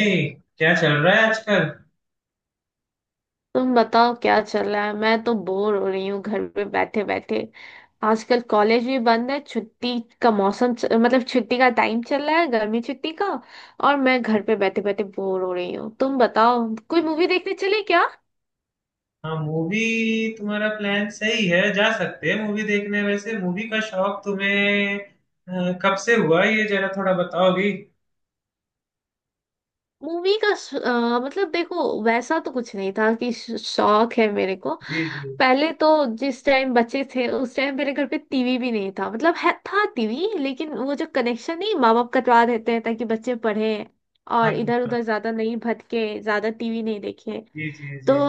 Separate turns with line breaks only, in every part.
ए, क्या चल रहा है आजकल।
तुम बताओ क्या चल रहा है। मैं तो बोर हो रही हूँ घर पे बैठे बैठे। आजकल कॉलेज भी बंद है, छुट्टी का मौसम मतलब छुट्टी का टाइम चल रहा है, गर्मी छुट्टी का। और मैं घर पे बैठे बैठे बोर हो रही हूँ। तुम बताओ कोई मूवी देखने चले क्या।
हाँ, मूवी। तुम्हारा प्लान सही है, जा सकते हैं मूवी देखने। वैसे मूवी का शौक तुम्हें कब से हुआ, ये जरा थोड़ा बताओगी।
मूवी का मतलब देखो वैसा तो कुछ नहीं था कि शौक है मेरे को।
जी जी।
पहले तो जिस टाइम बच्चे थे उस टाइम मेरे घर पे टीवी भी नहीं था। मतलब है था टीवी लेकिन वो जो कनेक्शन नहीं, माँ बाप कटवा देते हैं ताकि बच्चे पढ़े
हाँ
और इधर
हाँ,
उधर ज्यादा नहीं भटके, ज्यादा टीवी नहीं देखे।
जी जी
तो
जी।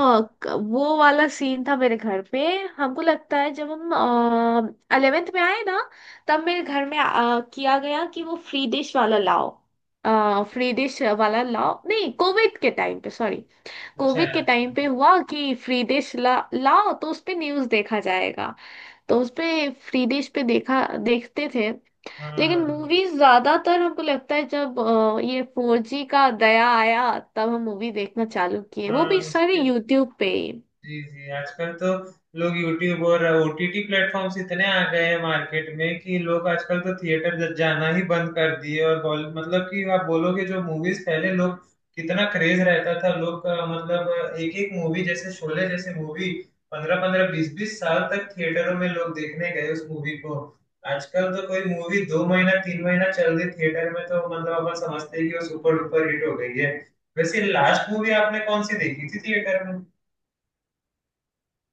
वो वाला सीन था मेरे घर पे। हमको लगता है जब हम अलेवेंथ में आए ना, तब मेरे घर में किया गया कि वो फ्री डिश वाला लाओ। फ्री डिश वाला लाओ नहीं, कोविड के टाइम पे। सॉरी,
अच्छा
कोविड के टाइम
अच्छा।
पे हुआ कि फ्री डिश लाओ तो उस पे न्यूज देखा जाएगा। तो उस पे फ्री डिश पे देखा, देखते थे।
हाँ
लेकिन
हाँ,
मूवीज ज्यादातर हमको लगता है जब ये 4G का दया आया तब हम मूवी देखना चालू किए, वो
हाँ,
भी
हाँ,
सारे यूट्यूब पे।
जी जी। आजकल तो लोग यूट्यूब और ओटीटी प्लेटफॉर्म्स इतने आ गए हैं मार्केट में, कि लोग आजकल तो थिएटर जाना ही बंद कर दिए। और बॉल मतलब कि आप बोलोगे, जो मूवीज पहले लोग, कितना क्रेज रहता था लोग का। मतलब एक एक मूवी जैसे शोले जैसे मूवी, 15 15 20 20 साल तक थिएटरों में लोग देखने गए उस मूवी को। आजकल तो कोई मूवी 2 महीना 3 महीना चल रही थिएटर में तो, मतलब अपन समझते हैं कि वो सुपर डुपर हिट हो गई है। वैसे लास्ट मूवी आपने कौन सी देखी थी थिएटर?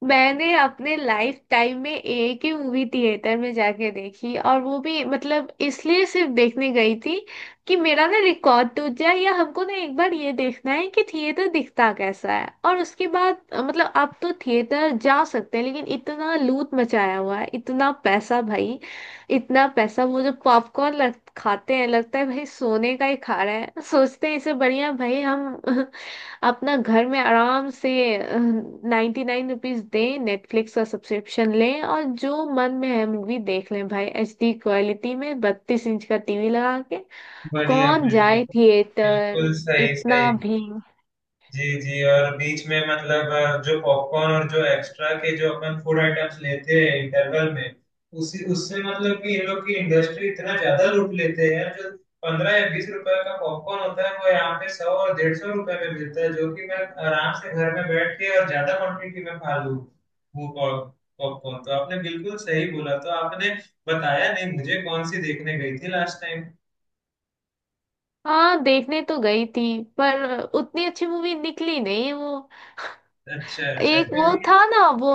मैंने अपने लाइफ टाइम में एक ही मूवी थिएटर में जाके देखी, और वो भी मतलब इसलिए सिर्फ देखने गई थी कि मेरा ना रिकॉर्ड टूट जाए, या हमको ना एक बार ये देखना है कि थिएटर दिखता कैसा है। और उसके बाद मतलब अब तो थिएटर जा सकते हैं लेकिन इतना लूट मचाया हुआ है, इतना पैसा भाई, इतना पैसा। वो जो पॉपकॉर्न लग खाते हैं लगता है भाई सोने का ही खा रहे हैं। सोचते हैं इसे बढ़िया भाई हम अपना घर में आराम से 99 रुपीज दें, नेटफ्लिक्स का सब्सक्रिप्शन लें और जो मन में है मूवी देख लें भाई, एचडी क्वालिटी में 32 इंच का टीवी लगा के।
बढ़िया
कौन
बढ़िया,
जाए थिएटर,
बिल्कुल सही
इतना
सही।
भी।
जी जी। और बीच में मतलब जो पॉपकॉर्न और जो एक्स्ट्रा के जो अपन फूड आइटम्स लेते हैं इंटरवल में, उसी उससे मतलब कि इन लोग की इंडस्ट्री इतना ज्यादा लूट लेते हैं। जो 15 या 20 रुपए का पॉपकॉर्न होता है वो यहाँ पे 100 और 150 रुपए में मिलता है, जो कि मैं आराम से घर में बैठ के और ज्यादा क्वांटिटी में खा लूँ। वो पॉपकॉर्न तो आपने बिल्कुल सही बोला। तो आपने बताया नहीं मुझे कौन सी देखने गई थी लास्ट टाइम।
हाँ, देखने तो गई थी पर उतनी अच्छी मूवी निकली नहीं वो।
अच्छा अच्छा।
एक वो
चलिए
था ना वो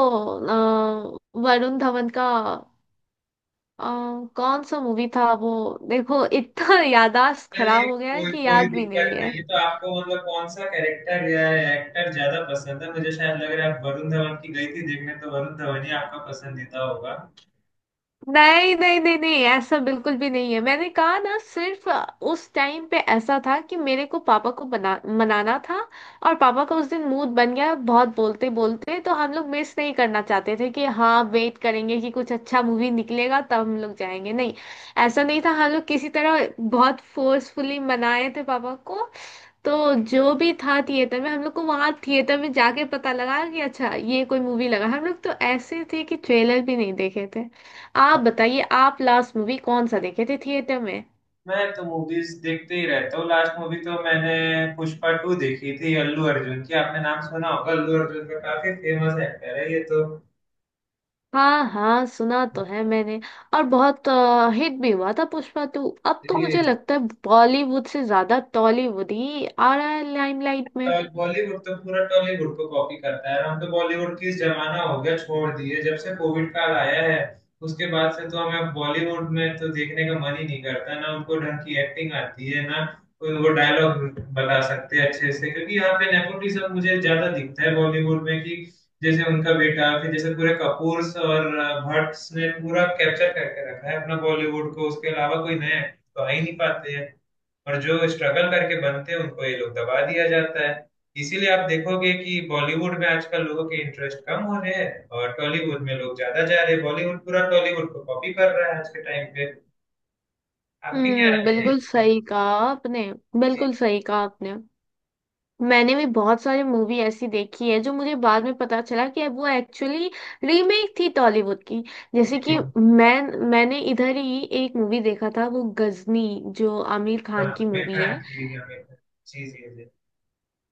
वरुण धवन का। अ, कौन सा मूवी था वो, देखो इतना याददाश्त
चलिए
खराब हो गया है
कोई
कि
कोई
याद भी
दिक्कत
नहीं है।
नहीं। तो आपको मतलब कौन सा कैरेक्टर या एक्टर ज्यादा पसंद है? मुझे शायद लग रहा है आप वरुण धवन की गई थी देखने, तो वरुण धवन ही आपका पसंदीदा होगा।
नहीं, नहीं, नहीं, नहीं, ऐसा बिल्कुल भी नहीं है। मैंने कहा ना, सिर्फ उस टाइम पे ऐसा था कि मेरे को पापा को बना मनाना था। और पापा का उस दिन मूड बन गया बहुत बोलते बोलते, तो हम लोग मिस नहीं करना चाहते थे कि हाँ वेट करेंगे कि कुछ अच्छा मूवी निकलेगा तब हम लोग जाएंगे, नहीं। ऐसा नहीं था, हम लोग किसी तरह बहुत फोर्सफुली मनाए थे पापा को। तो जो भी था थिएटर में, हम लोग को वहां थिएटर में जाके पता लगा कि अच्छा ये कोई मूवी लगा, हम लोग तो ऐसे थे कि ट्रेलर भी नहीं देखे थे। आप बताइए आप लास्ट मूवी कौन सा देखे थे थिएटर में।
मैं तो मूवीज देखते ही रहता हूँ। लास्ट मूवी तो मैंने पुष्पा टू देखी थी, अल्लू अर्जुन की। आपने नाम सुना होगा अल्लू अर्जुन का, काफी फेमस एक्टर है ये तो।
हाँ, हाँ, सुना तो है मैंने। और बहुत हिट भी हुआ था पुष्पा 2। अब तो मुझे
जी।
लगता है बॉलीवुड से ज्यादा टॉलीवुड ही आ रहा है लाइमलाइट में।
बॉलीवुड तो पूरा टॉलीवुड को कॉपी करता है। और हम तो बॉलीवुड की जमाना हो गया, छोड़ दिए जब से कोविड काल आया है। उसके बाद से तो हमें बॉलीवुड में तो देखने का मन ही नहीं करता, ना उनको ढंग की एक्टिंग आती है, ना कोई वो डायलॉग बता सकते हैं अच्छे से। क्योंकि यहाँ पे नेपोटिज्म मुझे ज्यादा दिखता है बॉलीवुड में, कि जैसे उनका बेटा, फिर जैसे पूरे कपूर्स और भट्ट्स ने पूरा कैप्चर करके रखा है अपना बॉलीवुड को। उसके अलावा कोई नया तो आ ही नहीं पाते हैं, और जो स्ट्रगल करके बनते हैं उनको ये लोग दबा दिया जाता है। इसीलिए आप देखोगे कि बॉलीवुड में आजकल लोगों के इंटरेस्ट कम हो रहे हैं और टॉलीवुड में लोग ज्यादा जा रहे हैं। बॉलीवुड पूरा टॉलीवुड को कॉपी कर रहा है आज के टाइम पे। आपकी क्या
हम्म,
राय है इस
बिल्कुल
पे?
सही कहा आपने,
जी
बिल्कुल सही कहा आपने। मैंने भी बहुत सारी मूवी ऐसी देखी है जो मुझे बाद में पता चला कि वो एक्चुअली रीमेक थी टॉलीवुड की। जैसे कि
जी।
मैंने इधर ही एक मूवी देखा था, वो गजनी, जो आमिर
हाँ,
खान की
आमिर
मूवी है।
खान की, आमिर खान। जी जी जी।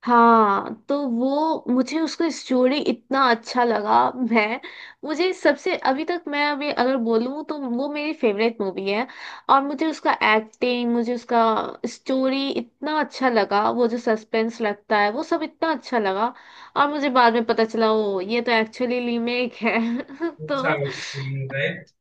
हाँ तो वो मुझे उसका स्टोरी इतना अच्छा लगा। मैं मुझे सबसे अभी तक, मैं अभी अगर बोलूँ तो वो मेरी फेवरेट मूवी है। और मुझे उसका एक्टिंग, मुझे उसका स्टोरी इतना अच्छा लगा, वो जो सस्पेंस लगता है वो सब इतना अच्छा लगा। और मुझे बाद में पता चला ओ ये तो एक्चुअली रीमेक है तो
साउथ की, राइट?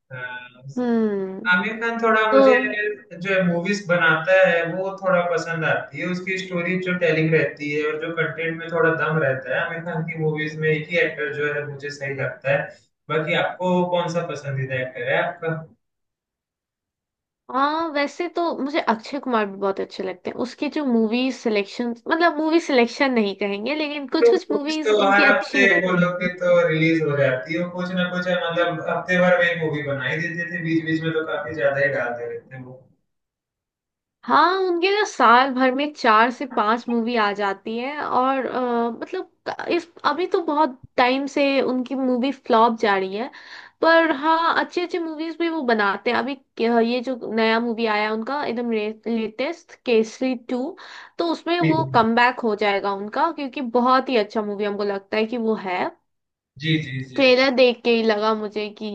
हम्म।
आमिर खान थोड़ा
तो
मुझे जो है मूवीज बनाता है वो थोड़ा पसंद आती है, उसकी स्टोरी जो टेलिंग रहती है और जो कंटेंट में थोड़ा दम रहता है। आमिर खान की मूवीज में एक ही एक्टर जो है मुझे सही लगता है। बाकी आपको कौन सा पसंदीदा एक्टर है आपका?
हाँ, वैसे तो मुझे अक्षय कुमार भी बहुत अच्छे लगते हैं, उसकी जो मूवी सिलेक्शन, मतलब मूवी सिलेक्शन नहीं कहेंगे लेकिन
तो
कुछ कुछ
मूवीज
मूवीज
तो
उनकी
हर हफ्ते
अच्छी
बोलो
रहती
कि
है।
तो रिलीज हो जाती है वो, कुछ ना कुछ है, मतलब हफ्ते भर में एक मूवी बना ही देते थे। बीच बीच में तो काफी ज्यादा ही डालते रहते हैं वो।
हाँ, उनके तो साल भर में चार से पांच मूवी आ जाती है, और मतलब इस अभी तो बहुत टाइम से उनकी मूवी फ्लॉप जा रही है। पर हाँ, अच्छे अच्छे मूवीज भी वो बनाते हैं, अभी ये जो नया मूवी आया है उनका एकदम लेटेस्ट, केसरी 2। तो उसमें
जी
वो कमबैक हो जाएगा उनका, क्योंकि बहुत ही अच्छा मूवी हमको लगता है कि वो है।
जी जी जी।
ट्रेलर देख के ही लगा मुझे कि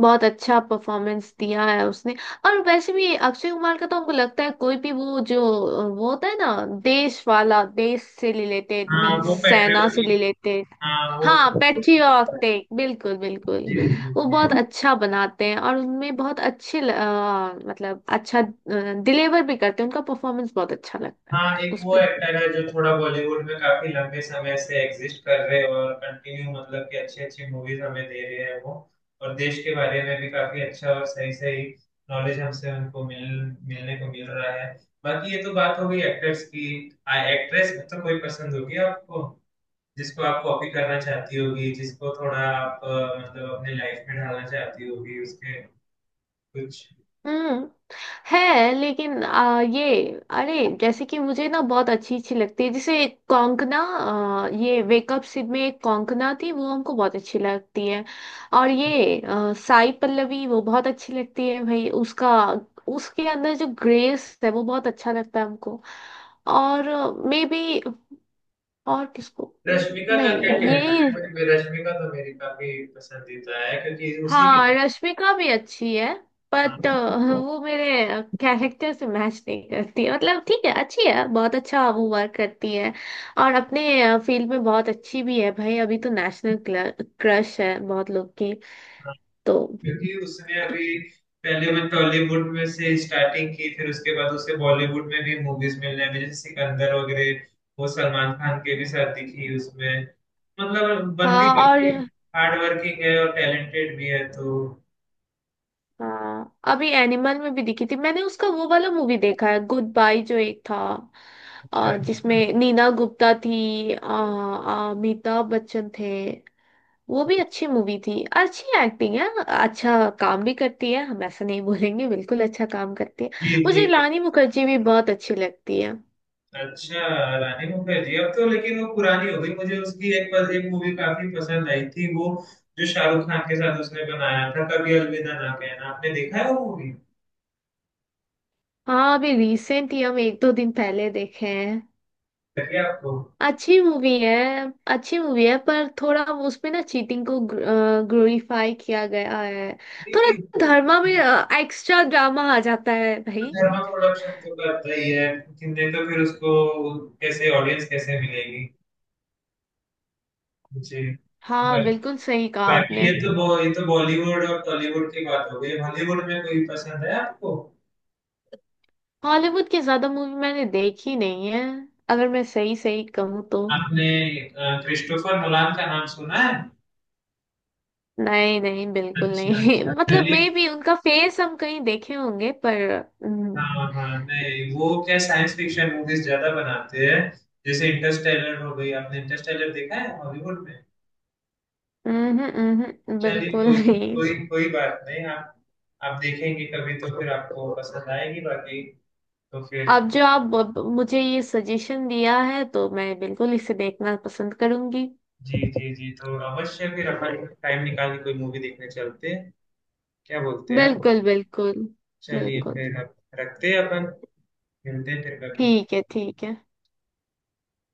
बहुत अच्छा परफॉर्मेंस दिया है उसने। और वैसे भी अक्षय कुमार का तो हमको लगता है, कोई भी वो जो वो होता है ना, देश वाला, देश से रिलेटेड,
हाँ,
मीन्स
वो
सेना से
पेट्रियोटिक।
रिलेटेड।
हाँ वो
हाँ,
तो।
पैट्रियोटिक, बिल्कुल बिल्कुल।
जी जी
वो बहुत
जी।
अच्छा बनाते हैं, और उनमें बहुत अच्छे मतलब अच्छा डिलीवर भी करते हैं, उनका परफॉर्मेंस बहुत अच्छा लगता है
हाँ एक वो
उसमें।
एक्टर है जो थोड़ा बॉलीवुड में काफी लंबे समय से एग्जिस्ट कर रहे हैं, और कंटिन्यू मतलब कि अच्छी अच्छी मूवीज हमें दे रहे हैं वो। और देश के बारे में भी काफी अच्छा और सही सही नॉलेज हमसे उनको मिलने को मिल रहा है। बाकी ये तो बात हो गई एक्टर्स की। एक्ट्रेस मतलब कोई पसंद होगी आपको, जिसको आप कॉपी करना चाहती होगी, जिसको थोड़ा आप मतलब अपने लाइफ में ढालना चाहती होगी, उसके कुछ।
हम्म, है लेकिन ये, अरे जैसे कि मुझे ना बहुत अच्छी अच्छी लगती है, जैसे कोंकणा, ये वेकअप सिड में एक कोंकणा थी, वो हमको बहुत अच्छी लगती है। और ये साई पल्लवी, वो बहुत अच्छी लगती है भाई, उसका, उसके अंदर जो ग्रेस है वो बहुत अच्छा लगता है हमको। और मे बी, और किसको।
रश्मिका का क्या
नहीं,
कहना
ये,
है? मुझे भी रश्मिका तो मेरी काफी पसंदीदा है, क्योंकि उसी की।
हाँ, रश्मिका भी अच्छी है,
हाँ,
बट वो मेरे कैरेक्टर से मैच नहीं करती है। मतलब ठीक है, अच्छी है, बहुत अच्छा वो वर्क करती है, और अपने फील्ड में बहुत अच्छी भी है भाई, अभी तो नेशनल क्रश है बहुत लोग की।
हाँ,
तो
क्योंकि उसने अभी पहले वो टॉलीवुड में से स्टार्टिंग की, फिर उसके बाद उसे बॉलीवुड में भी मूवीज मिलने लगी जैसे सिकंदर वगैरह। वो सलमान खान के भी साथ दिखी उसमें। मतलब बंदी
हाँ। और
काफी हार्ड वर्किंग है और टैलेंटेड भी है तो।
हाँ, अभी एनिमल में भी दिखी थी, मैंने उसका वो वाला मूवी देखा है, गुड बाय जो एक था,
अच्छा।
जिसमें नीना गुप्ता थी, अमिताभ बच्चन थे। वो भी अच्छी मूवी थी, अच्छी एक्टिंग है, अच्छा काम भी करती है, हम ऐसा नहीं बोलेंगे, बिल्कुल अच्छा काम करती है।
जी जी।
मुझे रानी मुखर्जी भी बहुत अच्छी लगती है।
अच्छा, रानी मुखर्जी अब तो लेकिन वो पुरानी हो गई। मुझे उसकी एक पर एक मूवी काफी पसंद आई थी, वो जो शाहरुख खान के साथ उसने बनाया था, कभी अलविदा ना कहना। आपने देखा है वो मूवी?
हाँ, अभी रिसेंट ही हम एक दो दिन पहले देखे हैं।
लगी आपको?
अच्छी मूवी है, अच्छी मूवी है, पर थोड़ा वो उसमें ना चीटिंग को ग्लोरीफाई किया गया है,
जी
थोड़ा
जी। वो
धर्मा में एक्स्ट्रा ड्रामा आ जाता है भाई।
धर्मा प्रोडक्शन तो करता ही है, लेकिन नहीं तो फिर उसको कैसे ऑडियंस कैसे मिलेगी। जी।
हाँ,
बा-
बिल्कुल सही कहा
बाकी ये
आपने।
तो ये तो बॉलीवुड और टॉलीवुड की बात हो गई। हॉलीवुड में कोई पसंद है आपको?
हॉलीवुड की ज्यादा मूवी मैंने देखी नहीं है, अगर मैं सही सही कहूँ तो।
आपने क्रिस्टोफर नोलान का नाम सुना है?
नहीं नहीं, बिल्कुल
अच्छा
नहीं
अच्छा।
मतलब
मैंने,
मे भी उनका फेस हम कहीं देखे होंगे पर। हम्म।
हाँ हाँ, नहीं वो क्या साइंस फिक्शन मूवीज ज्यादा बनाते हैं। जैसे इंटरस्टेलर हो गई, आपने इंटरस्टेलर देखा है हॉलीवुड में? चलिए
बिल्कुल
कोई
नहीं।
कोई कोई बात नहीं। आप देखेंगे कभी तो फिर आपको पसंद आएगी। बाकी तो फिर।
अब जो आप मुझे ये सजेशन दिया है तो मैं बिल्कुल इसे देखना पसंद करूंगी।
जी जी जी। तो अवश्य फिर अपन टाइम निकाल के कोई मूवी देखने चलते हैं। क्या बोलते हैं आप?
बिल्कुल बिल्कुल,
चलिए
बिल्कुल।
फिर, आप रखते हैं अपन, मिलते हैं फिर कभी।
ठीक है, ठीक है।